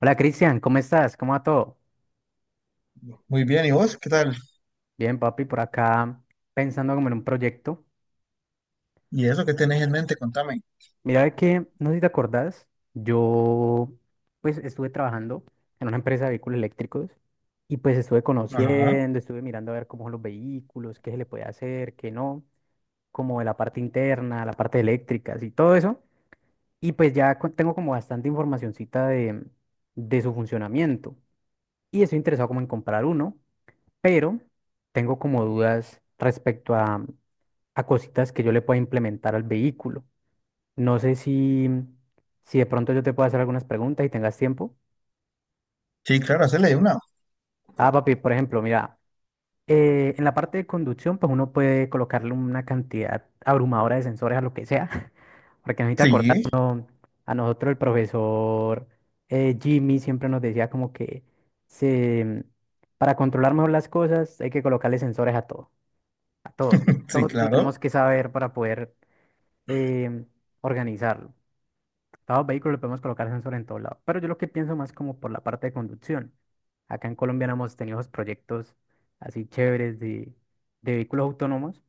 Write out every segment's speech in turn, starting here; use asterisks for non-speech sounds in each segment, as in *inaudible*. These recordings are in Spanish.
Hola Cristian, ¿cómo estás? ¿Cómo va todo? Muy bien, ¿y vos qué tal? Bien, papi, por acá pensando como en un proyecto. ¿Y eso qué tenés en mente? Contame. Mira de que, no sé si te acordás, yo pues estuve trabajando en una empresa de vehículos eléctricos y pues estuve Ajá. conociendo, estuve mirando a ver cómo son los vehículos, qué se le puede hacer, qué no, como de la parte interna, la parte eléctrica, y todo eso. Y pues ya tengo como bastante informacioncita de su funcionamiento y estoy interesado como en comprar uno, pero tengo como dudas respecto a cositas que yo le pueda implementar al vehículo. No sé si, si de pronto yo te puedo hacer algunas preguntas y tengas tiempo. Sí, claro, hacerle de una. Ah, papi, por ejemplo, mira, en la parte de conducción, pues uno puede colocarle una cantidad abrumadora de sensores a lo que sea, *laughs* porque no necesita acordar. Sí, A nosotros el profesor Jimmy siempre nos decía como que se, para controlar mejor las cosas hay que colocarle sensores a todo, a todo. *laughs* sí, Todo lo claro. tenemos que saber para poder em, organizarlo. Todo vehículo vehículos podemos colocar sensor en todo lado, pero yo lo que pienso más como por la parte de conducción. Acá en Colombia no hemos tenido esos proyectos así chéveres de vehículos autónomos.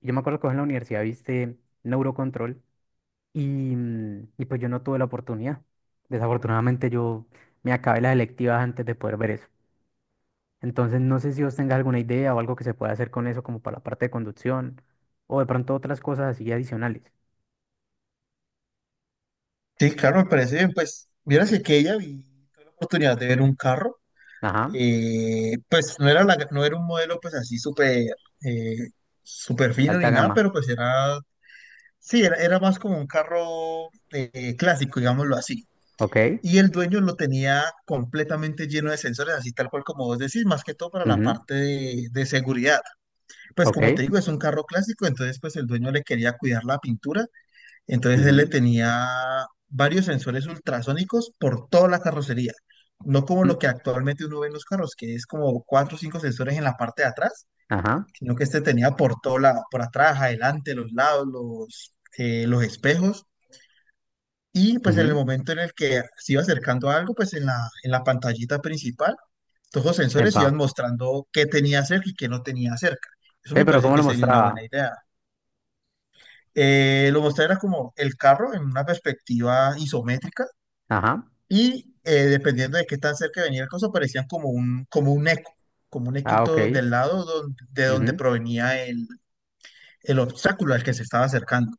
Yo me acuerdo que vos en la universidad viste neurocontrol y, y pues yo no tuve la oportunidad. Desafortunadamente yo me acabé las electivas antes de poder ver eso. Entonces no sé si vos tengas alguna idea o algo que se pueda hacer con eso como para la parte de conducción o de pronto otras cosas así adicionales. Sí, claro, me parece bien. Pues, vieras que aquella vi tuve la oportunidad de ver un carro. Ajá, Pues no era no era un modelo pues así súper eh, súper de fino alta ni nada, gama. pero pues era, sí, era más como un carro clásico, digámoslo así. Ok. Y el dueño lo tenía completamente lleno de sensores, así tal cual como vos decís, más que todo para la Ujú. parte de seguridad. Pues como te Ok. digo, es un carro clásico, entonces pues el dueño le quería cuidar la pintura, entonces él le Ujú. tenía varios sensores ultrasónicos por toda la carrocería, no como lo mm, que actualmente uno ve en los carros, que es como cuatro o cinco sensores en la parte de atrás, Ajá. sino que este tenía por atrás, adelante, los lados, los espejos, y pues en el Ujú. momento en el que se iba acercando a algo, pues en la pantallita principal, todos los sensores Epa. iban mostrando qué tenía cerca y qué no tenía cerca. Eso me Pero parece ¿cómo que lo sería una buena mostraba? idea. Lo mostrarás como el carro en una perspectiva isométrica Ajá. y dependiendo de qué tan cerca venía el coso, parecían como un eco, como un Ah, ok. equito del lado de donde Ujú. provenía el obstáculo al que se estaba acercando.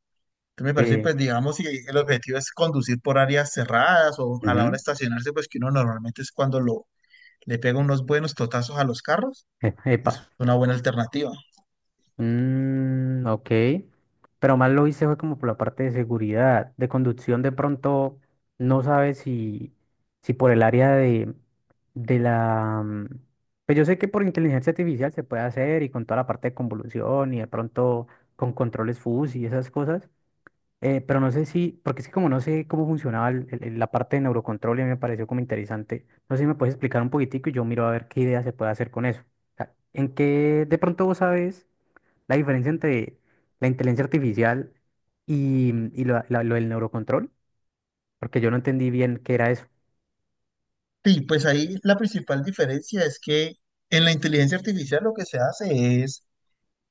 Entonces me parece, eh, pues digamos, si el objetivo es conducir por áreas cerradas o a la hora de Ujú. estacionarse, pues que uno normalmente es cuando le pega unos buenos totazos a los carros, es Epa. una buena alternativa. Mm, ok. Pero más lo hice fue como por la parte de seguridad. De conducción de pronto no sabes si, si por el área de la. Pues yo sé que por inteligencia artificial se puede hacer y con toda la parte de convolución y de pronto con controles FUS y esas cosas. Pero no sé si, porque es que como no sé cómo funcionaba la parte de neurocontrol y me pareció como interesante, no sé si me puedes explicar un poquitico y yo miro a ver qué idea se puede hacer con eso. O sea, ¿en qué de pronto vos sabes la diferencia entre la inteligencia artificial y, y lo, lo del neurocontrol? Porque yo no entendí bien qué era eso. Sí, pues ahí la principal diferencia es que en la inteligencia artificial lo que se hace es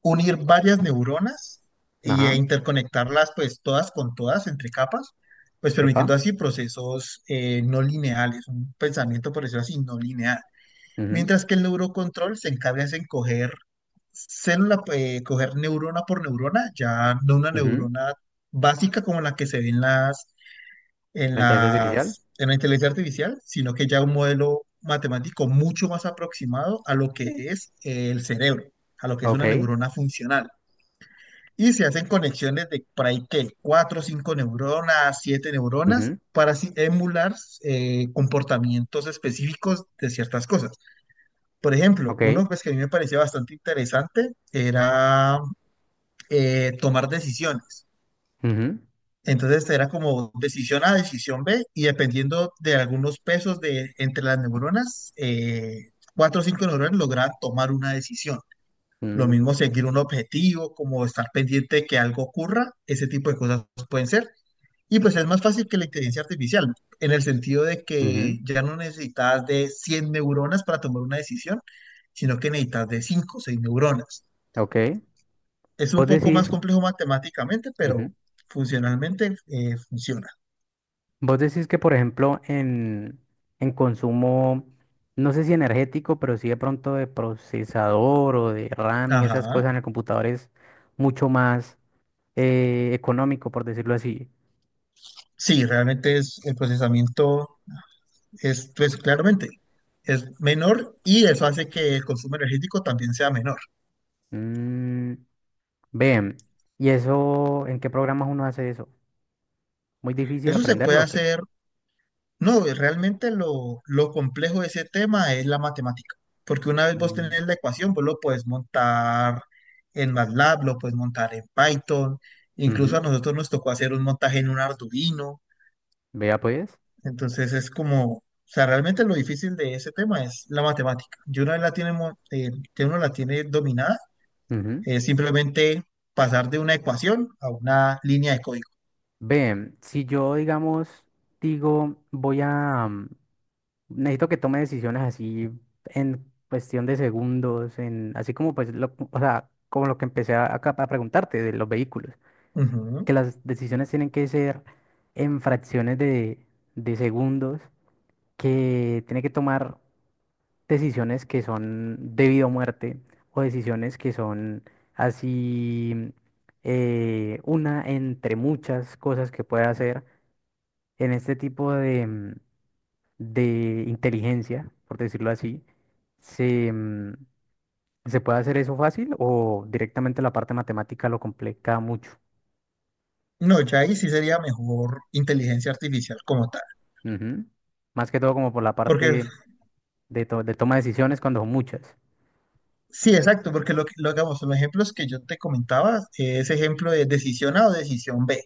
unir varias neuronas e Ajá, interconectarlas pues todas con todas entre capas, pues epa, permitiendo así procesos no lineales, un pensamiento por decirlo así no lineal. ujú, Mientras que el neurocontrol se encarga es en coger coger neurona por neurona, ya no una ujú. neurona básica como la que se ve en las La inteligencia artificial, en la inteligencia artificial, sino que ya un modelo matemático mucho más aproximado a lo que es el cerebro, a lo que es una ok, neurona funcional. Y se hacen conexiones de por ahí que cuatro, cinco neuronas, siete neuronas, ujú, para así emular comportamientos específicos de ciertas cosas. Por ejemplo, uno ok, pues, que a mí me parecía bastante interesante era tomar decisiones. ujú, Entonces era como decisión A, decisión B, y dependiendo de algunos pesos entre las neuronas, cuatro o cinco neuronas lograban tomar una decisión. Lo mm, mismo seguir un objetivo, como estar pendiente de que algo ocurra, ese tipo de cosas pueden ser. Y pues es más fácil que la inteligencia artificial, en el sentido de que ujú, ya no necesitas de 100 neuronas para tomar una decisión, sino que necesitas de 5, o 6 neuronas. ok. Es un Vos poco decís... más complejo matemáticamente, pero ujú. funcionalmente funciona. Vos decís que, por ejemplo, en consumo, no sé si energético, pero sí de pronto de procesador o de RAM y esas Ajá. cosas en el computador es mucho más económico, por decirlo así. Sí, realmente es el procesamiento es, pues claramente es menor y eso hace que el consumo energético también sea menor. Mm, ven, ¿y eso en qué programas uno hace eso? ¿Muy difícil Eso se puede aprenderlo o qué? hacer, no, realmente lo complejo de ese tema es la matemática, porque una vez vos Mm. tenés la ecuación, vos lo puedes montar en MATLAB, lo puedes montar en Python, incluso a Ujú. nosotros nos tocó hacer un montaje en un Arduino, Vea pues. entonces es como, o sea, realmente lo difícil de ese tema es la matemática. Y una vez la tiene, que uno la tiene dominada, Ujú. es simplemente pasar de una ecuación a una línea de código. Ven, si yo, digamos, digo, voy a, necesito que tome decisiones así en cuestión de segundos, en, así como pues lo, o sea, como lo que empecé a, acá a preguntarte de los vehículos, Ujú. que las decisiones tienen que ser en fracciones de segundos, que tiene que tomar decisiones que son de vida o muerte, o decisiones que son así una entre muchas cosas que puede hacer en este tipo de inteligencia, por decirlo así, se, mm, se puede hacer eso fácil o directamente la parte matemática lo complica mucho. No, ya ahí sí sería mejor inteligencia artificial como tal. Ujú. Más que todo como por la Porque, parte de, de toma de decisiones cuando son muchas. sí, exacto, porque lo que lo hagamos, los ejemplos que yo te comentaba, ese ejemplo de decisión A o decisión B.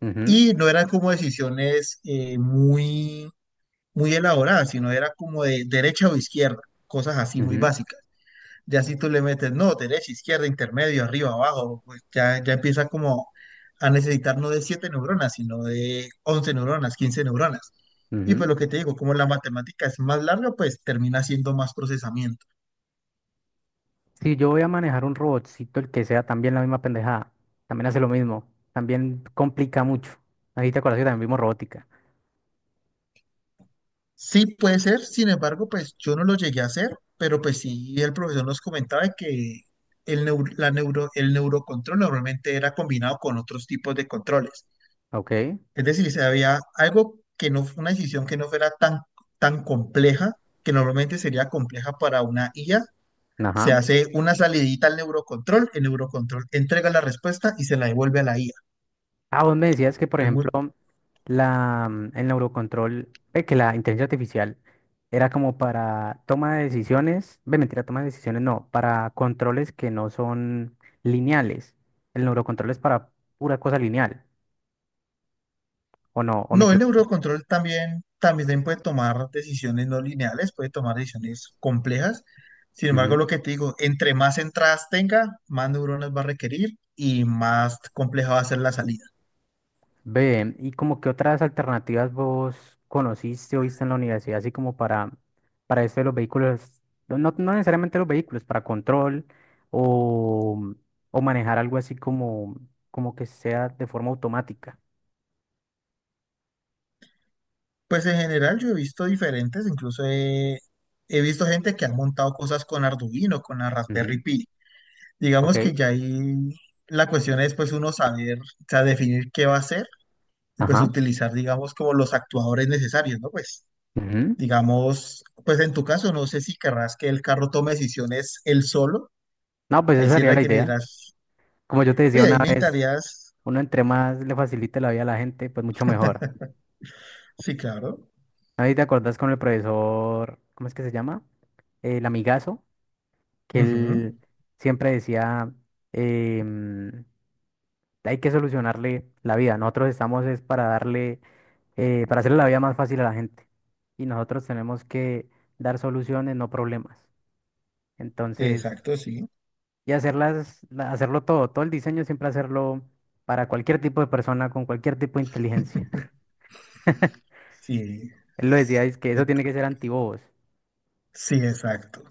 Ujú, Y no eran como decisiones muy, muy elaboradas, sino era como de derecha o izquierda, cosas así muy ujú, básicas. Ya si tú le metes, no, derecha, izquierda, intermedio, arriba, abajo, pues ya, ya empieza como a necesitar no de siete neuronas, sino de 11 neuronas, 15 neuronas. Y ujú. pues lo que te digo, como la matemática es más larga, pues termina siendo más procesamiento. Si yo voy a manejar un robotcito, el que sea también la misma pendejada, también hace lo mismo, también complica mucho. Ahí te acuerdas que también vimos robótica. Sí puede ser, sin embargo, pues yo no lo llegué a hacer, pero pues sí el profesor nos comentaba que el neurocontrol normalmente era combinado con otros tipos de controles. Ok, Es decir, se había algo que no, una decisión que no fuera tan, tan compleja, que normalmente sería compleja para una IA, se ajá. hace una salidita al neurocontrol, el neurocontrol entrega la respuesta y se la devuelve a la IA. Ah, vos me decías que, por Es ejemplo, muy- la, el neurocontrol, que la inteligencia artificial era como para toma de decisiones, ve, mentira, toma de decisiones, no, para controles que no son lineales. El neurocontrol es para pura cosa lineal, ¿o no? ¿O me no, el equivoco? neurocontrol también puede tomar decisiones no lineales, puede tomar decisiones complejas. Sin embargo, lo que te digo, entre más entradas tenga, más neuronas va a requerir y más compleja va a ser la salida. Ve, ¿y como qué otras alternativas vos conociste o viste en la universidad, así como para esto de los vehículos, no, no necesariamente los vehículos, para control o, o manejar algo así como, como que sea de forma automática? Pues en general yo he visto diferentes, incluso he visto gente que ha montado cosas con Arduino, con la Ujú, Raspberry Pi. Digamos que ok, ya ahí la cuestión es pues uno saber, o sea, definir qué va a hacer y pues ajá. utilizar, digamos, como los actuadores necesarios, ¿no? Pues Ujú. digamos, pues en tu caso no sé si querrás que el carro tome decisiones él solo, No, pues ahí esa sí sería la que me idea. dirás, Como yo te decía oye, una ahí vez, necesitarías, uno entre más le facilite la vida a la gente, pues mucho mejor. sí, claro, Ahí te acordás con el profesor, ¿cómo es que se llama? El amigazo. Que ujú, él siempre decía, em, hay que solucionarle la vida. Nosotros estamos es para darle, para hacerle la vida más fácil a la gente. Y nosotros tenemos que dar soluciones, no problemas. Entonces, exacto, sí, y hacerlas, hacerlo todo, todo el diseño siempre hacerlo para cualquier tipo de persona, con cualquier tipo de inteligencia. *laughs* sí, Él lo decía, es que eso et- tiene que ser antibobos. sí, exacto.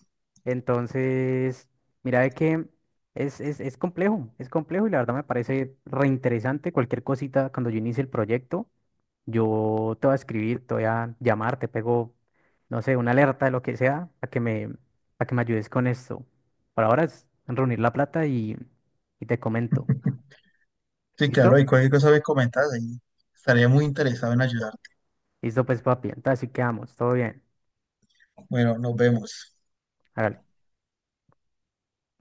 Entonces, mira de que es complejo y la verdad me parece reinteresante cualquier cosita cuando yo inicie el proyecto. Yo te voy a escribir, te voy a llamar, te pego, no sé, una alerta de lo que sea, a que me ayudes con esto. Por ahora es reunir la plata y te comento. Sí, ¿Listo? claro, y cualquier cosa me comentas ahí. Estaría muy interesado en ayudarte. Listo, pues papi. Entonces así quedamos. Todo bien. Bueno, nos vemos. Hágale.